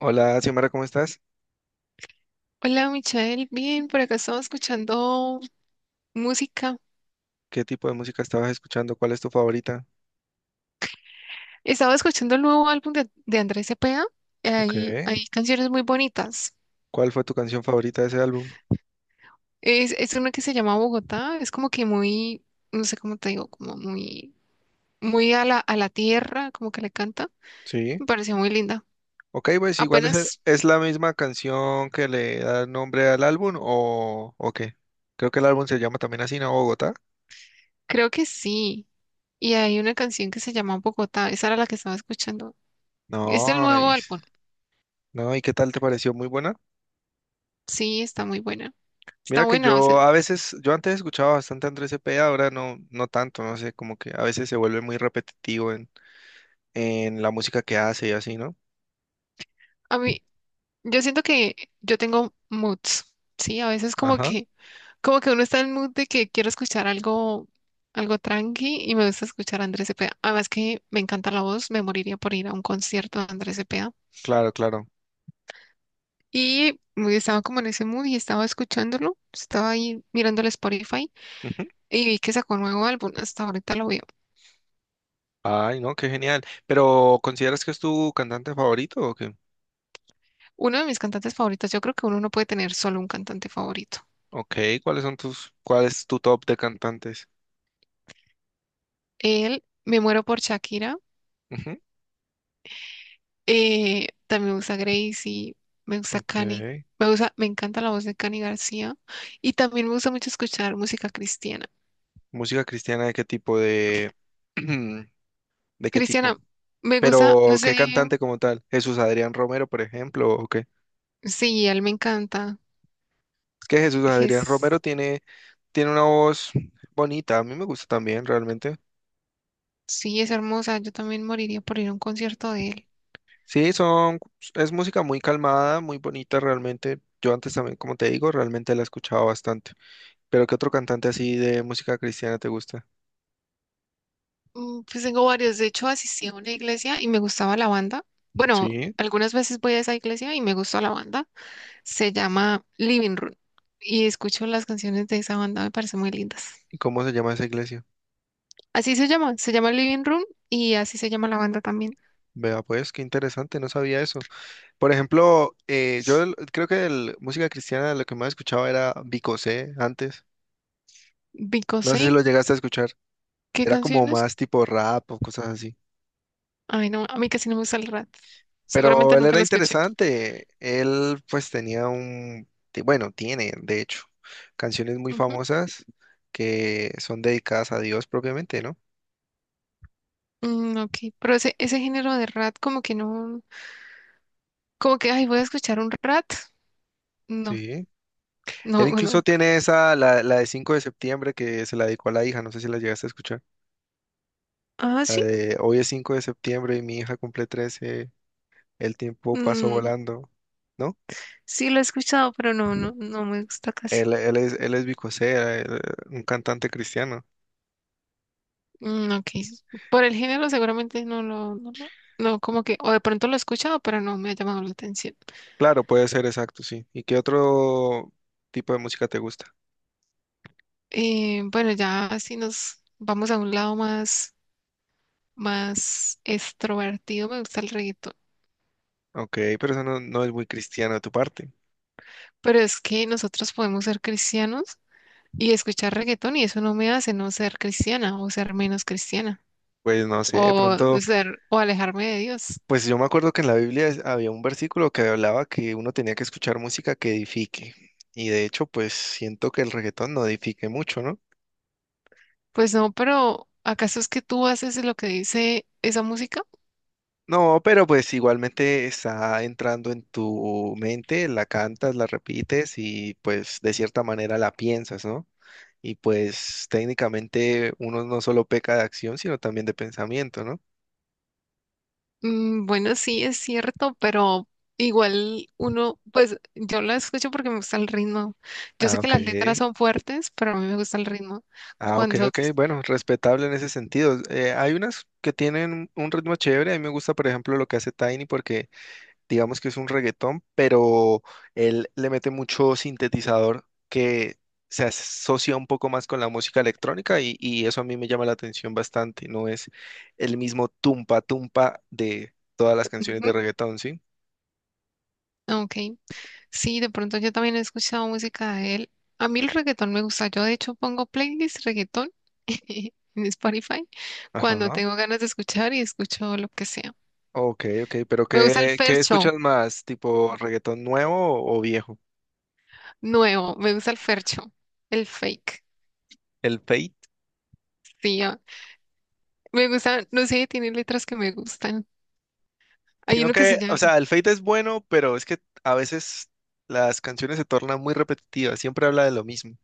Hola, Xiomara, ¿cómo estás? Hola, Michelle. Bien, por acá estaba escuchando música. ¿Qué tipo de música estabas escuchando? ¿Cuál es tu favorita? Estaba escuchando el nuevo álbum de Andrés Cepeda. Ok. Hay canciones muy bonitas. ¿Cuál fue tu canción favorita de ese álbum? Es una que se llama Bogotá. Es como que muy, no sé cómo te digo, como muy, muy a la tierra, como que le canta. Sí. Me pareció muy linda. Ok, pues igual es, Apenas, es la misma canción que le da nombre al álbum o qué. Creo que el álbum se llama también así, ¿no? Bogotá. creo que sí. Y hay una canción que se llama Bogotá. Esa era la que estaba escuchando. Es del No, nuevo y, álbum. no, ¿y qué tal te pareció? Muy buena. Sí, está muy buena. Está Mira que buena. O sea, yo a veces, yo antes escuchaba bastante a Andrés Cepeda, ahora no, no tanto, no sé, como que a veces se vuelve muy repetitivo en la música que hace y así, ¿no? a mí, yo siento que yo tengo moods, ¿sí? A veces Ajá, como que uno está en el mood de que quiero escuchar algo, algo tranqui y me gusta escuchar a Andrés Cepeda. Además que me encanta la voz, me moriría por ir a un concierto de Andrés Cepeda. claro, claro. Y me- estaba como en ese mood y estaba escuchándolo, estaba ahí mirando el Spotify Ujú. y vi que sacó un nuevo álbum, hasta ahorita lo veo. Ay, no, qué genial. Pero ¿consideras que es tu cantante favorito o qué? Uno de mis cantantes favoritos, yo creo que uno no puede tener solo un cantante favorito. Ok, ¿cuáles son cuál es tu top de cantantes? Él, me muero por Shakira. Ujú. También me gusta Gracie, me gusta Ok. Cani, me gusta, me encanta la voz de Cani García y también me gusta mucho escuchar música cristiana. ¿Música cristiana de qué tipo de, de qué tipo? Cristiana, me gusta, no Pero sé, ¿qué cantante como tal? Jesús Adrián Romero, por ejemplo, ¿o qué? sí, él me encanta, Es que Jesús Adrián es, Romero tiene una voz bonita, a mí me gusta también realmente. sí, es hermosa, yo también moriría por ir a un concierto de él. Sí, son, es música muy calmada, muy bonita realmente. Yo antes también, como te digo, realmente la he escuchado bastante. ¿Pero qué otro cantante así de música cristiana te gusta? Pues tengo varios, de hecho asistí a una iglesia y me gustaba la banda. Bueno, Sí. algunas veces voy a esa iglesia y me gustó la banda, se llama Living Room y escucho las canciones de esa banda, me parecen muy lindas. ¿Y cómo se llama esa iglesia? Así se llama Living Room y así se llama la banda también. Vea, pues qué interesante, no sabía eso. Por ejemplo, creo que de música cristiana lo que más escuchaba era Vicosé antes. No Because sé si I, lo llegaste a escuchar. ¿qué Era como canciones? más tipo rap o cosas así. Ay, no, a mí casi no me gusta el rap. Pero Seguramente él nunca era lo escuché. interesante. Él pues tenía un, ti- bueno, tiene, de hecho, canciones muy Ujú. famosas que son dedicadas a Dios propiamente, ¿no? Ok, pero ese género de rap como que no, como que, ay, voy a escuchar un rap. No, Sí. no, Él incluso no. tiene esa, la de 5 de septiembre que se la dedicó a la hija, no sé si la llegaste a escuchar. Ah, La sí, de hoy es 5 de septiembre y mi hija cumple 13. El tiempo pasó mm, volando, ¿no? sí lo he escuchado, pero no, no, no me gusta casi. Él es Vico Sea, un cantante cristiano. Mm, ok, por el género seguramente no lo, no, no, no, como que, o de pronto lo he escuchado, pero no me ha llamado la atención. Claro, puede ser, exacto, sí. ¿Y qué otro tipo de música te gusta? Bueno, ya si nos vamos a un lado más, más extrovertido, me gusta el reggaetón. Ok, pero eso no, no es muy cristiano de tu parte. Pero es que nosotros podemos ser cristianos y escuchar reggaetón y eso no me hace no ser cristiana o ser menos cristiana Pues no sé, de o pronto. ser o alejarme de Dios. Pues yo me acuerdo que en la Biblia había un versículo que hablaba que uno tenía que escuchar música que edifique. Y de hecho, pues siento que el reggaetón no edifique mucho, ¿no? Pues no, pero ¿acaso es que tú haces lo que dice esa música? No, pero pues igualmente está entrando en tu mente, la cantas, la repites y pues de cierta manera la piensas, ¿no? Y pues técnicamente uno no solo peca de acción, sino también de pensamiento, ¿no? Bueno, sí, es cierto, pero igual uno, pues yo la escucho porque me gusta el ritmo. Yo Ah, sé que ok. las letras son fuertes, pero a mí me gusta el ritmo. Ah, ok, Cuando... ok, bueno, respetable en ese sentido. Hay unas que tienen un ritmo chévere, a mí me gusta, por ejemplo, lo que hace Tiny porque digamos que es un reggaetón, pero él le mete mucho sintetizador que se asocia un poco más con la música electrónica y eso a mí me llama la atención bastante, no es el mismo tumpa tumpa de todas las canciones de Ujú, reggaetón, ¿sí? ok, sí, de pronto yo también he escuchado música de él. A mí el reggaetón me gusta. Yo de hecho pongo playlist reggaetón en Spotify cuando Ajá, tengo ganas de escuchar y escucho lo que sea. ok, ok, pero Me gusta el ¿qué fercho escuchas más? ¿Tipo reggaetón nuevo o viejo? nuevo, me gusta el fercho, el fake. ¿El fade? Sí, ah, me gusta, no sé, tiene letras que me gustan. Hay Sino uno que se que, o llama, sea, el Fate es bueno, pero es que a veces las canciones se tornan muy repetitivas, siempre habla de lo mismo.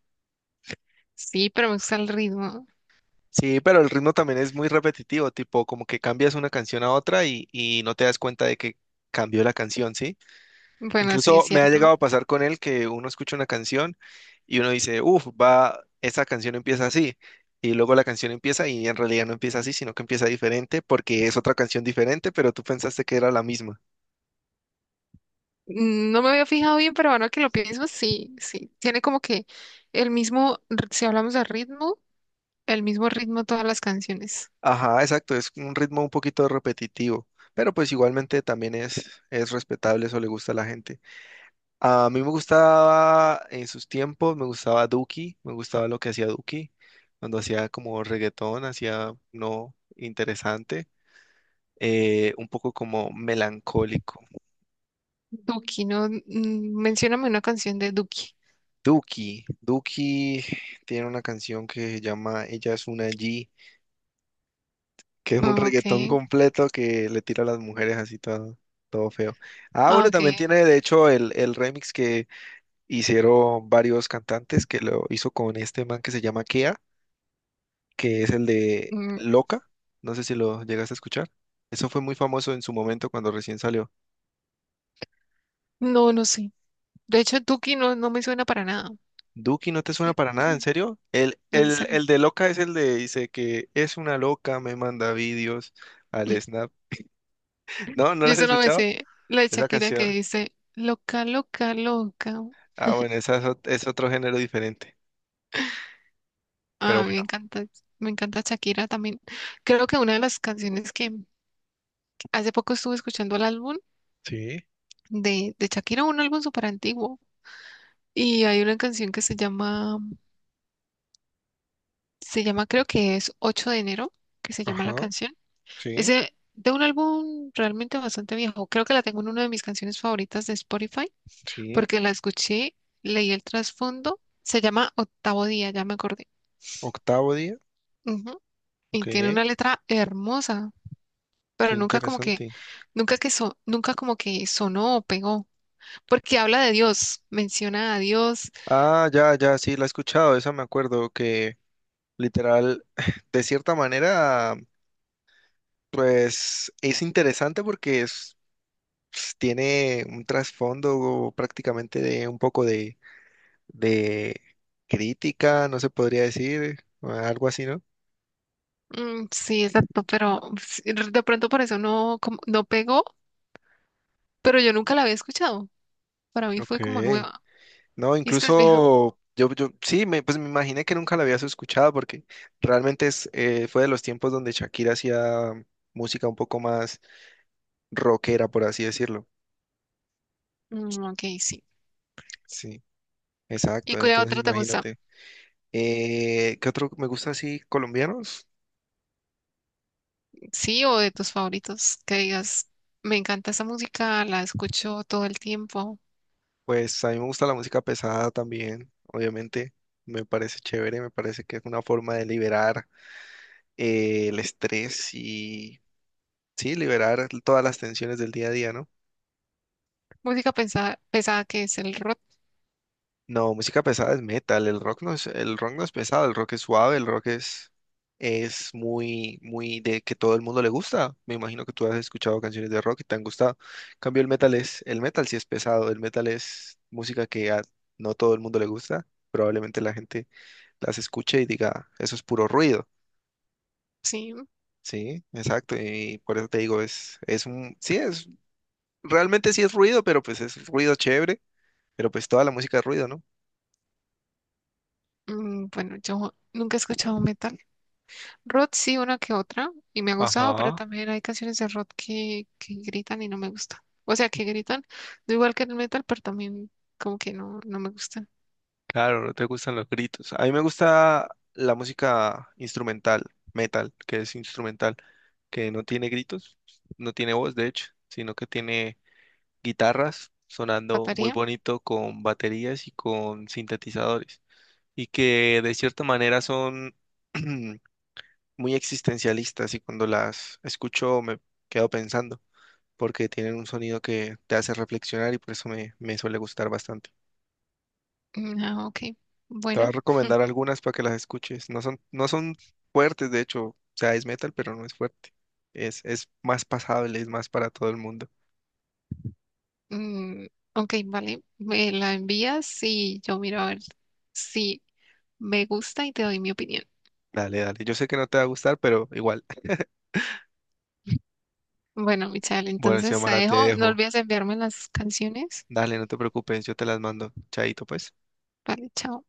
sí, pero me gusta el ritmo. Sí, pero el ritmo también es muy repetitivo, tipo como que cambias una canción a otra y no te das cuenta de que cambió la canción, ¿sí? Bueno, sí, es Incluso me ha llegado cierto. a pasar con él que uno escucha una canción y uno dice, uff, va, esa canción empieza así. Y luego la canción empieza y en realidad no empieza así, sino que empieza diferente porque es otra canción diferente, pero tú pensaste que era la misma. No me había fijado bien, pero ahora que lo pienso, sí, sí. Tiene como que el mismo, r- si hablamos de ritmo, el mismo ritmo todas las canciones. Ajá, exacto, es un ritmo un poquito repetitivo, pero pues igualmente también es respetable, eso le gusta a la gente. A mí me gustaba en sus tiempos, me gustaba Duki, me gustaba lo que hacía Duki, cuando hacía como reggaetón, hacía no interesante, un poco como melancólico. Duki, ¿no? Mencióname una canción de Duki. Duki tiene una canción que se llama Ella es una G, que es un Ah, ok, reggaetón completo que le tira a las mujeres así todo, todo feo. Ah, ah, bueno, ok. también tiene de hecho el remix que hicieron varios cantantes, que lo hizo con este man que se llama Kea, que es el de Mm, Loca. No sé si lo llegaste a escuchar. Eso fue muy famoso en su momento cuando recién salió. No, no sé. De hecho, Duki no, no me suena para nada, Duki, ¿no te suena para nada? ¿En serio? El, en el, serio. el de Loca es el de, dice que es una loca, me manda vídeos al Snap. ¿No? ¿No lo Yo has solo me escuchado? sé la de Esa Shakira que canción. dice, loca, loca, loca. Ah, bueno, esa es es otro género diferente. Pero Ah, bueno, me encanta Shakira también. Creo que una de las canciones que hace poco estuve escuchando el álbum sí, de Shakira, un álbum súper antiguo, y hay una canción que se llama creo que es 8 de enero, que se llama la ajá, canción. Es sí, de un álbum realmente bastante viejo. Creo que la tengo en una de mis canciones favoritas de Spotify, sí. porque la escuché, leí el trasfondo. Se llama Octavo Día, ya me acordé. Octavo día, Ujú. ok, Y tiene qué una letra hermosa. Pero nunca como que, interesante. nunca que so- nunca como que sonó o pegó, porque habla de Dios, menciona a Dios, Ah, ya, ya, sí, la he escuchado, esa me acuerdo que literal, de cierta manera, pues es interesante porque tiene un trasfondo prácticamente de un poco de crítica, no se podría decir, algo así, ¿no? mm, sí, exacto, pero sí, de pronto por eso no, como- no pegó, pero yo nunca la había escuchado, para mí fue Ok. como nueva, No, y es que es vieja, incluso yo sí, pues me imaginé que nunca la habías escuchado porque realmente es, fue de los tiempos donde Shakira hacía música un poco más rockera, por así decirlo. mm, ok, sí, Sí, ¿y exacto. cuál Entonces otra te gusta? imagínate. ¿Qué otro me gusta así colombianos? Sí, o de tus favoritos, que digas, me encanta esa música, la escucho todo el tiempo, Pues a mí me gusta la música pesada también, obviamente. Me parece chévere, me parece que es una forma de liberar el estrés y sí, liberar todas las tensiones del día a día, ¿no? música pesada, pesada que es el rock, No, música pesada es metal, el rock no es, el rock no es pesado, el rock es suave, es muy, muy de que todo el mundo le gusta. Me imagino que tú has escuchado canciones de rock y te han gustado. En cambio, el metal sí es pesado, el metal es música que a no todo el mundo le gusta. Probablemente la gente las escuche y diga, eso es puro ruido. sí, Sí, exacto, y por eso te digo, es realmente sí es ruido, pero pues es ruido chévere, pero pues toda la música es ruido, ¿no? mm, bueno, yo nunca he escuchado metal. Rod sí, una que otra, y me ha gustado, pero Ajá. también hay canciones de Rod que gritan y no me gustan. O sea, que gritan, no igual que el metal, pero también como que no, no me gustan. Claro, no te gustan los gritos. A mí me gusta la música instrumental, metal, que es instrumental, que no tiene gritos, no tiene voz, de hecho, sino que tiene guitarras sonando muy ¿Pataría? bonito con baterías y con sintetizadores, y que de cierta manera son muy existencialistas y cuando las escucho me quedo pensando, porque tienen un sonido que te hace reflexionar y por eso me suele gustar bastante. Ah, ok. Te voy a Bueno, recomendar algunas para que las escuches. No son fuertes, de hecho. O sea, es metal, pero no es fuerte. Es más pasable, es más para todo el mundo. mm, ok, vale. Me la envías y yo miro a ver si me gusta y te doy mi opinión. Dale, dale. Yo sé que no te va a gustar, pero igual. Bueno, Michelle, Bueno, entonces te Xiomara, te dejo. No dejo. olvides enviarme las canciones. Dale, no te preocupes, yo te las mando. Chaito, pues. Vale, chao.